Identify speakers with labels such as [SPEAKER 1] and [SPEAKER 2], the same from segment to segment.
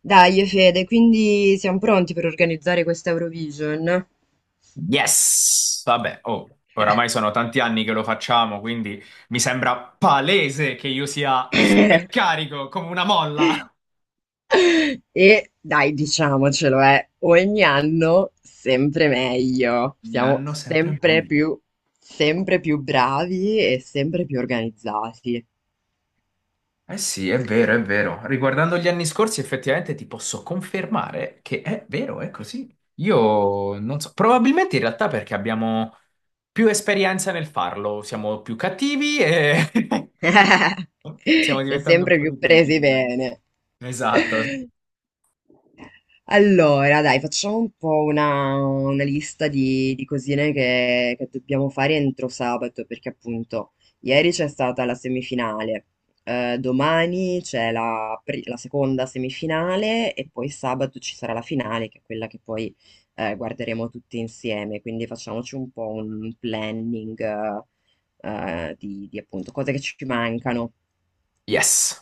[SPEAKER 1] Dai, Fede, quindi siamo pronti per organizzare questa Eurovision?
[SPEAKER 2] Yes! Vabbè, oh, oramai sono tanti anni che lo facciamo, quindi mi sembra palese che io sia super carico come una molla.
[SPEAKER 1] E dai, diciamocelo, ogni anno sempre meglio,
[SPEAKER 2] Ogni
[SPEAKER 1] siamo
[SPEAKER 2] anno sempre
[SPEAKER 1] sempre
[SPEAKER 2] meglio.
[SPEAKER 1] più, sempre più bravi e sempre più organizzati.
[SPEAKER 2] Eh sì, è vero, è vero. Riguardando gli anni scorsi, effettivamente ti posso confermare che è vero, è così. Io non so, probabilmente in realtà perché abbiamo più esperienza nel farlo, siamo più cattivi e stiamo
[SPEAKER 1] E
[SPEAKER 2] diventando un
[SPEAKER 1] sempre
[SPEAKER 2] po'
[SPEAKER 1] più
[SPEAKER 2] di
[SPEAKER 1] presi
[SPEAKER 2] critici, dai.
[SPEAKER 1] bene.
[SPEAKER 2] Esatto.
[SPEAKER 1] Allora, dai, facciamo un po' una lista di cosine che dobbiamo fare entro sabato, perché appunto ieri c'è stata la semifinale, domani c'è la seconda semifinale e poi sabato ci sarà la finale, che è quella che poi guarderemo tutti insieme, quindi facciamoci un po' un planning di appunto cose che ci mancano.
[SPEAKER 2] Yes.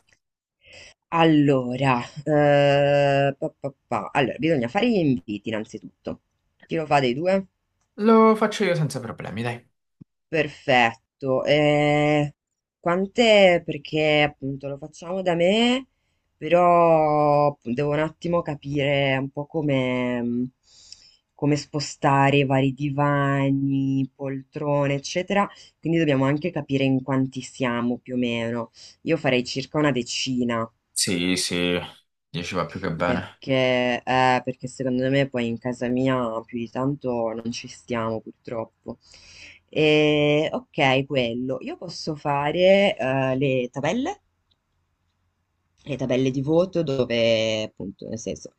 [SPEAKER 1] Allora, pa, pa, pa. Allora, bisogna fare gli inviti innanzitutto. Chi lo fa dei due?
[SPEAKER 2] Lo faccio io senza problemi, dai.
[SPEAKER 1] Perfetto. Quante? Perché appunto lo facciamo da me, però devo un attimo capire un po' come, come spostare i vari divani, poltrone, eccetera. Quindi dobbiamo anche capire in quanti siamo più o meno. Io farei circa una decina,
[SPEAKER 2] Sì, sì, 10 va più che bene.
[SPEAKER 1] perché, perché secondo me poi in casa mia più di tanto non ci stiamo purtroppo. E, ok, quello. Io posso fare le tabelle? Le tabelle di voto dove, appunto, nel senso,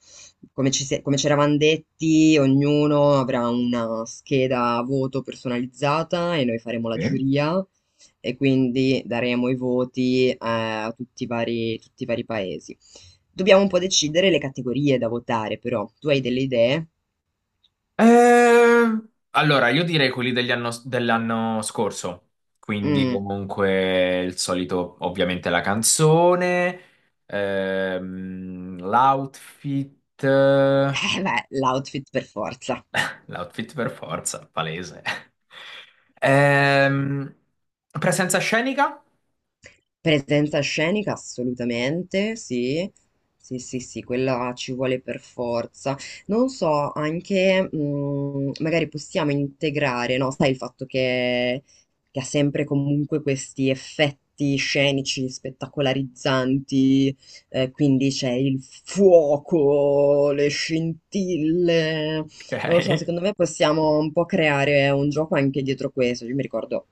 [SPEAKER 1] come come ci eravamo detti, ognuno avrà una scheda a voto personalizzata e noi faremo la
[SPEAKER 2] Sì.
[SPEAKER 1] giuria e quindi daremo i voti a tutti i vari paesi. Dobbiamo un po' decidere le categorie da votare, però. Tu hai delle idee?
[SPEAKER 2] Eh, allora, io direi quelli dell'anno scorso, quindi
[SPEAKER 1] Mm.
[SPEAKER 2] comunque il solito, ovviamente la canzone, l'outfit,
[SPEAKER 1] Eh beh, l'outfit per forza.
[SPEAKER 2] l'outfit per forza, palese. Ehm, Presenza scenica?
[SPEAKER 1] Presenza scenica assolutamente, sì. Sì, sì, sì, quella ci vuole per forza. Non so, anche magari possiamo integrare, no? Sai il fatto che ha sempre comunque questi effetti scenici, spettacolarizzanti, quindi c'è il fuoco, le scintille. Non lo so,
[SPEAKER 2] Ok,
[SPEAKER 1] secondo me possiamo un po' creare un gioco anche dietro questo. Io mi ricordo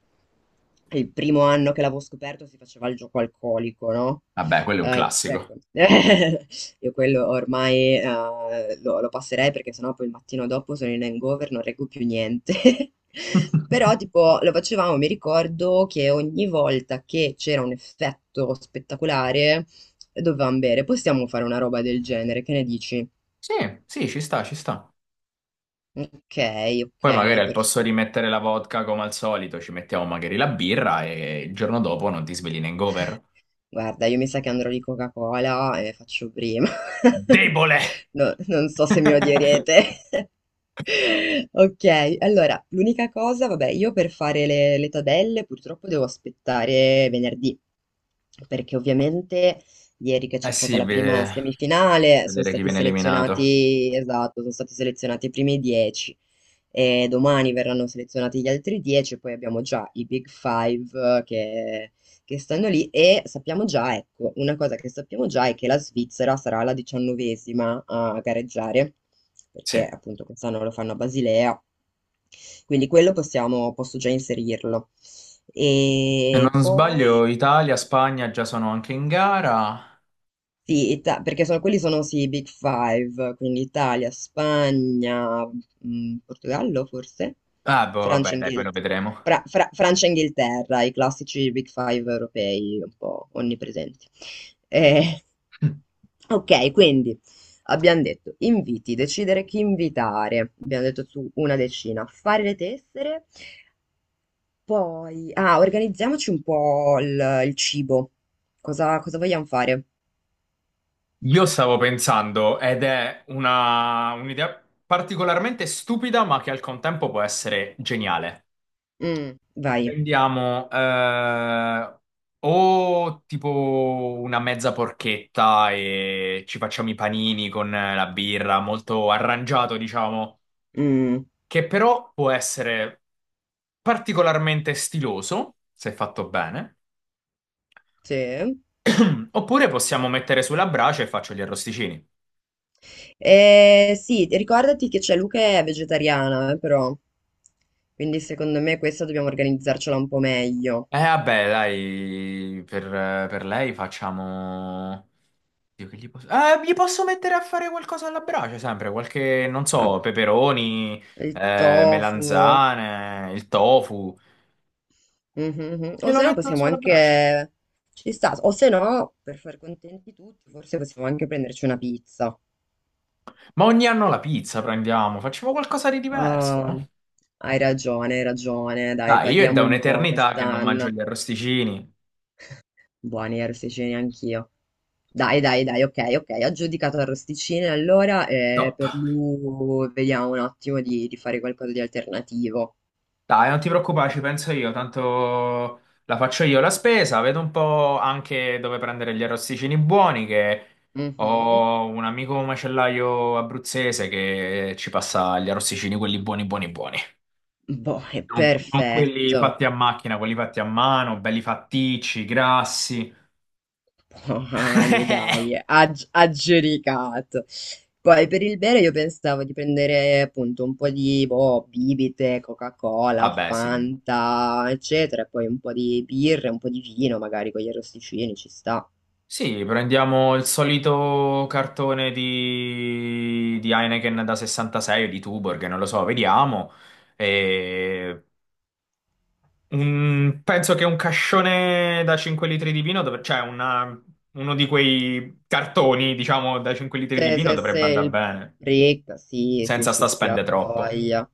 [SPEAKER 1] il primo anno che l'avevo scoperto si faceva il gioco alcolico, no?
[SPEAKER 2] vabbè, quello è un classico.
[SPEAKER 1] Ecco, io quello ormai lo passerei perché sennò poi il mattino dopo sono in hangover, non reggo più niente. Però tipo lo facevamo, mi ricordo che ogni volta che c'era un effetto spettacolare dovevamo bere. Possiamo fare una roba del genere, che ne dici?
[SPEAKER 2] Sì, sì, ci sta, ci sta.
[SPEAKER 1] Ok,
[SPEAKER 2] Poi magari
[SPEAKER 1] ok,
[SPEAKER 2] al
[SPEAKER 1] perfetto.
[SPEAKER 2] posto di mettere la vodka come al solito ci mettiamo magari la birra e il giorno dopo non ti svegli in hangover.
[SPEAKER 1] Guarda, io mi sa che andrò di Coca-Cola e faccio prima.
[SPEAKER 2] Debole!
[SPEAKER 1] No, non so se mi odierete. Ok, allora, l'unica cosa, vabbè, io per fare le tabelle purtroppo devo aspettare venerdì, perché ovviamente ieri che
[SPEAKER 2] Eh
[SPEAKER 1] c'è stata
[SPEAKER 2] sì,
[SPEAKER 1] la prima
[SPEAKER 2] beh,
[SPEAKER 1] semifinale sono
[SPEAKER 2] vedere chi
[SPEAKER 1] stati
[SPEAKER 2] viene eliminato.
[SPEAKER 1] selezionati, esatto, sono stati selezionati i primi 10 e domani verranno selezionati gli altri 10, e poi abbiamo già i Big Five che stanno lì e sappiamo già, ecco, una cosa che sappiamo già è che la Svizzera sarà la diciannovesima a gareggiare, perché
[SPEAKER 2] Sì.
[SPEAKER 1] appunto quest'anno lo fanno a Basilea, quindi quello possiamo, posso già inserirlo.
[SPEAKER 2] Se
[SPEAKER 1] E
[SPEAKER 2] non sbaglio,
[SPEAKER 1] poi
[SPEAKER 2] Italia, Spagna già sono anche in gara.
[SPEAKER 1] sì, quelli sono sì, i Big Five, quindi Italia, Spagna, Portogallo forse,
[SPEAKER 2] Ah, boh,
[SPEAKER 1] Francia,
[SPEAKER 2] vabbè, dai, poi lo
[SPEAKER 1] Inghilterra,
[SPEAKER 2] vedremo.
[SPEAKER 1] Francia e Inghilterra, i classici Big Five europei un po' onnipresenti. Eh, ok, quindi abbiamo detto inviti, decidere chi invitare, abbiamo detto su una decina, fare le tessere, poi ah, organizziamoci un po' il cibo, cosa vogliamo fare?
[SPEAKER 2] Io stavo pensando, ed è una un'idea particolarmente stupida, ma che al contempo può essere geniale.
[SPEAKER 1] Mm, vai.
[SPEAKER 2] Prendiamo O tipo una mezza porchetta e ci facciamo i panini con la birra, molto arrangiato, diciamo,
[SPEAKER 1] Mm,
[SPEAKER 2] che però può essere particolarmente stiloso, se fatto bene.
[SPEAKER 1] sì.
[SPEAKER 2] Oppure possiamo mettere sulla brace e faccio gli arrosticini.
[SPEAKER 1] Sì, ricordati che c'è Luca è vegetariana, però. Quindi secondo me questa dobbiamo organizzarcela un po' meglio.
[SPEAKER 2] Eh vabbè, dai, per, per lei facciamo... Io che gli posso... Gli posso mettere a fare qualcosa alla brace, sempre, qualche, non
[SPEAKER 1] Ah,
[SPEAKER 2] so, peperoni,
[SPEAKER 1] il tofu. Mhm,
[SPEAKER 2] melanzane, il tofu.
[SPEAKER 1] mhm. O
[SPEAKER 2] Glielo
[SPEAKER 1] se no
[SPEAKER 2] metto
[SPEAKER 1] possiamo
[SPEAKER 2] sulla
[SPEAKER 1] anche...
[SPEAKER 2] brace.
[SPEAKER 1] Ci sta. O se no, per far contenti tutti, forse possiamo anche prenderci una pizza.
[SPEAKER 2] Ma ogni anno la pizza prendiamo, facciamo qualcosa di diverso.
[SPEAKER 1] Ah, hai ragione, hai ragione. Dai,
[SPEAKER 2] Dai, io è
[SPEAKER 1] variamo
[SPEAKER 2] da
[SPEAKER 1] un po'
[SPEAKER 2] un'eternità che non mangio
[SPEAKER 1] quest'anno.
[SPEAKER 2] gli arrosticini.
[SPEAKER 1] Buoni arrosticini anch'io. Dai, dai, dai, ok, ok, aggiudicato arrosticini allora
[SPEAKER 2] Top.
[SPEAKER 1] per lui vediamo un attimo di fare qualcosa di alternativo.
[SPEAKER 2] Dai, non ti preoccupare, ci penso io, tanto la faccio io la spesa, vedo un po' anche dove prendere gli arrosticini buoni, che
[SPEAKER 1] Mhm.
[SPEAKER 2] ho un amico macellaio abruzzese che ci passa gli arrosticini, quelli buoni, buoni, buoni.
[SPEAKER 1] Boh, è
[SPEAKER 2] Non, non quelli
[SPEAKER 1] perfetto.
[SPEAKER 2] fatti a macchina, quelli fatti a mano, belli fatticci, grassi.
[SPEAKER 1] Buoni, dai, aggiudicato. Poi per il bere io pensavo di prendere appunto un po' di boh, bibite, Coca-Cola,
[SPEAKER 2] Vabbè, sì,
[SPEAKER 1] Fanta, eccetera, e poi un po' di birra, un po' di vino magari con gli arrosticini, ci sta.
[SPEAKER 2] sì, prendiamo il solito cartone di Heineken da 66 o di Tuborg, non lo so, vediamo. E penso che un cascione da 5 litri di vino, uno di quei cartoni, diciamo, da 5 litri di
[SPEAKER 1] Se,
[SPEAKER 2] vino
[SPEAKER 1] se, se
[SPEAKER 2] dovrebbe andare
[SPEAKER 1] il
[SPEAKER 2] bene,
[SPEAKER 1] break, sì, sì,
[SPEAKER 2] senza
[SPEAKER 1] sì,
[SPEAKER 2] sta
[SPEAKER 1] sì, ha
[SPEAKER 2] spende troppo.
[SPEAKER 1] voglia.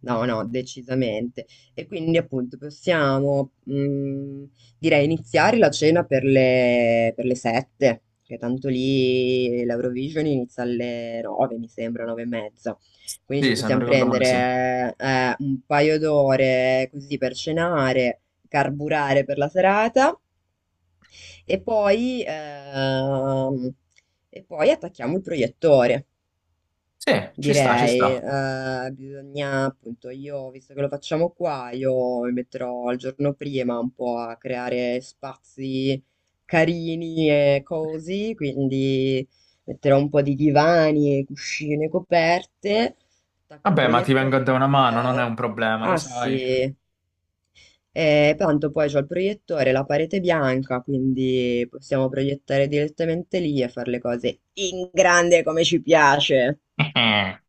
[SPEAKER 1] No, no, decisamente. E quindi appunto possiamo, direi, iniziare la cena per le sette, che tanto lì l'Eurovision inizia alle nove, mi sembra, nove e mezza. Quindi ci
[SPEAKER 2] Sì, se non
[SPEAKER 1] possiamo
[SPEAKER 2] ricordo male, sì.
[SPEAKER 1] prendere un paio d'ore così per cenare, carburare per la serata e poi, attacchiamo il proiettore,
[SPEAKER 2] Sì, ci sta, ci
[SPEAKER 1] direi.
[SPEAKER 2] sta.
[SPEAKER 1] Bisogna, appunto, io, visto che lo facciamo qua, io mi metterò il giorno prima un po' a creare spazi carini e così, quindi metterò un po' di divani, cuscine, coperte, attacco il
[SPEAKER 2] Vabbè, ma ti vengo a
[SPEAKER 1] proiettore
[SPEAKER 2] dare
[SPEAKER 1] che...
[SPEAKER 2] una mano, non è un problema, lo
[SPEAKER 1] Ah
[SPEAKER 2] sai.
[SPEAKER 1] sì, e tanto poi c'ho il proiettore, la parete bianca, quindi possiamo proiettare direttamente lì e fare le cose in grande come ci piace.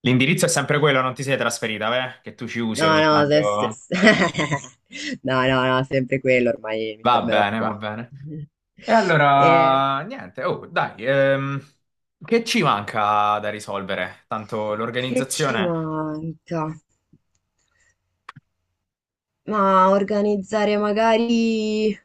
[SPEAKER 2] L'indirizzo è sempre quello, non ti sei trasferita, beh? Che tu ci usi
[SPEAKER 1] No,
[SPEAKER 2] ogni
[SPEAKER 1] no,
[SPEAKER 2] tanto.
[SPEAKER 1] no, no, no, sempre quello, ormai mi
[SPEAKER 2] Va
[SPEAKER 1] fermerò
[SPEAKER 2] bene, va
[SPEAKER 1] qua.
[SPEAKER 2] bene. E
[SPEAKER 1] Eh,
[SPEAKER 2] allora, niente, oh, dai, che ci manca da risolvere? Tanto
[SPEAKER 1] che ci
[SPEAKER 2] l'organizzazione
[SPEAKER 1] manca? Ma organizzare magari...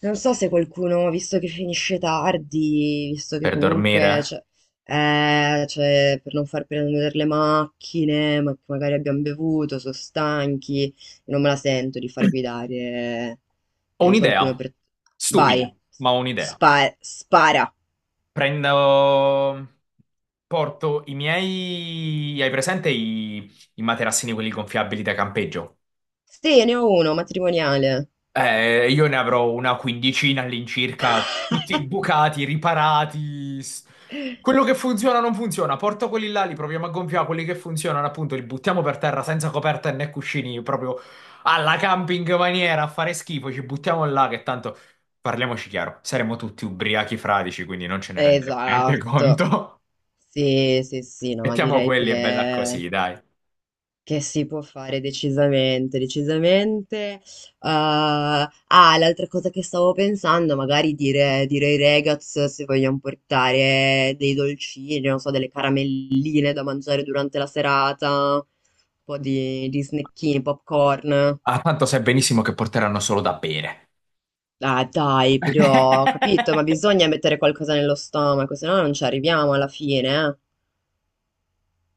[SPEAKER 1] Non so se qualcuno, visto che finisce tardi, visto che
[SPEAKER 2] per dormire.
[SPEAKER 1] comunque, cioè, per non far prendere le macchine, ma che magari abbiamo bevuto, sono stanchi, non me la sento di far guidare
[SPEAKER 2] Ho
[SPEAKER 1] magari
[SPEAKER 2] un'idea,
[SPEAKER 1] qualcuno per...
[SPEAKER 2] stupida,
[SPEAKER 1] Vai,
[SPEAKER 2] ma ho un'idea.
[SPEAKER 1] spara.
[SPEAKER 2] Prendo, Porto i miei, hai presente i materassini quelli gonfiabili da campeggio?
[SPEAKER 1] Sì, ne ho uno, matrimoniale.
[SPEAKER 2] Io ne avrò una quindicina all'incirca, tutti bucati, riparati. Quello che funziona non funziona, porto quelli là, li proviamo a gonfiare, quelli che funzionano appunto li buttiamo per terra senza coperta e né cuscini, proprio alla camping maniera, a fare schifo, ci buttiamo là che tanto, parliamoci chiaro, saremo tutti ubriachi fradici, quindi non ce ne renderemo neanche
[SPEAKER 1] Esatto.
[SPEAKER 2] conto.
[SPEAKER 1] Sì, sì, sì, no,
[SPEAKER 2] Mettiamo
[SPEAKER 1] direi
[SPEAKER 2] quelli e bella
[SPEAKER 1] che...
[SPEAKER 2] così, dai.
[SPEAKER 1] Che si può fare decisamente, decisamente. Ah, ah, l'altra cosa che stavo pensando, magari dire ai ragazzi se vogliamo portare dei dolcini, non so, delle caramelline da mangiare durante la serata, un po' di snackini, popcorn.
[SPEAKER 2] Ah, tanto sai benissimo che porteranno solo da bere.
[SPEAKER 1] Ah, dai, però, ho capito, ma bisogna mettere qualcosa nello stomaco, se no non ci arriviamo alla fine,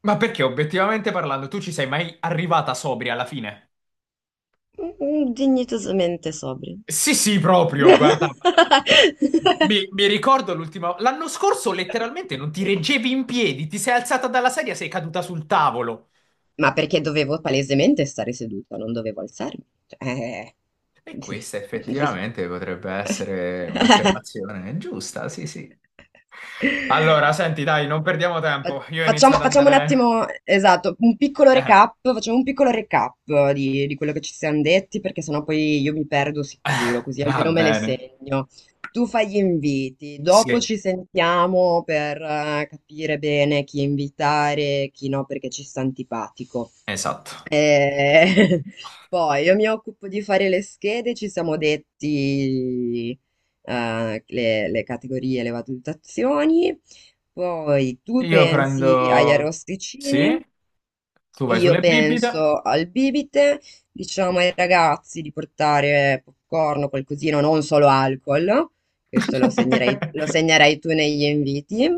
[SPEAKER 2] Ma perché obiettivamente parlando, tu ci sei mai arrivata sobria alla fine?
[SPEAKER 1] eh. Mm, dignitosamente sobri.
[SPEAKER 2] Sì, sì, proprio, guarda. Mi ricordo l'ultima. L'anno scorso letteralmente non ti reggevi in piedi, ti sei alzata dalla sedia, sei caduta sul tavolo.
[SPEAKER 1] Ma perché dovevo palesemente stare seduta, non dovevo alzarmi. Cioè,
[SPEAKER 2] E questa
[SPEAKER 1] vi-
[SPEAKER 2] effettivamente potrebbe essere un'affermazione giusta, sì, sì. Allora, senti, dai, non perdiamo tempo. Io inizio ad
[SPEAKER 1] Facciamo un
[SPEAKER 2] andare.
[SPEAKER 1] attimo, esatto, un piccolo
[SPEAKER 2] Eh,
[SPEAKER 1] recap, facciamo un piccolo recap di quello che ci siamo detti, perché sennò poi io mi perdo sicuro, così
[SPEAKER 2] va
[SPEAKER 1] almeno me le
[SPEAKER 2] bene.
[SPEAKER 1] segno. Tu fai gli inviti,
[SPEAKER 2] Sì,
[SPEAKER 1] dopo ci sentiamo per capire bene chi invitare, chi no, perché ci sta antipatico.
[SPEAKER 2] esatto.
[SPEAKER 1] Eh, poi io mi occupo di fare le schede, ci siamo detti eh, le categorie, le valutazioni. Poi tu
[SPEAKER 2] Io
[SPEAKER 1] pensi agli
[SPEAKER 2] prendo. Sì,
[SPEAKER 1] arrosticini,
[SPEAKER 2] tu vai
[SPEAKER 1] io
[SPEAKER 2] sulle bibite.
[SPEAKER 1] penso al bibite, diciamo ai ragazzi di portare popcorn o qualcosina, non solo alcol, questo lo segnerai tu negli inviti.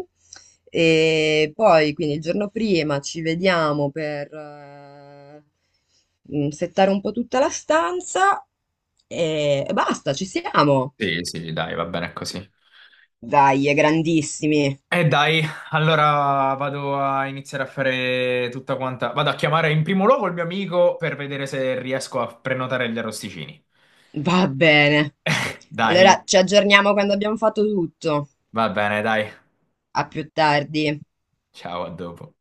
[SPEAKER 1] E poi, quindi il giorno prima ci vediamo per settare un po' tutta la stanza e basta, ci siamo.
[SPEAKER 2] Sì, sì, dai, va bene così.
[SPEAKER 1] Dai, è grandissimi.
[SPEAKER 2] E dai, allora vado a iniziare a fare tutta quanta. Vado a chiamare in primo luogo il mio amico per vedere se riesco a prenotare gli arrosticini.
[SPEAKER 1] Va bene.
[SPEAKER 2] Dai,
[SPEAKER 1] Allora ci aggiorniamo quando abbiamo fatto tutto.
[SPEAKER 2] va bene, dai.
[SPEAKER 1] A più tardi.
[SPEAKER 2] Ciao, a dopo.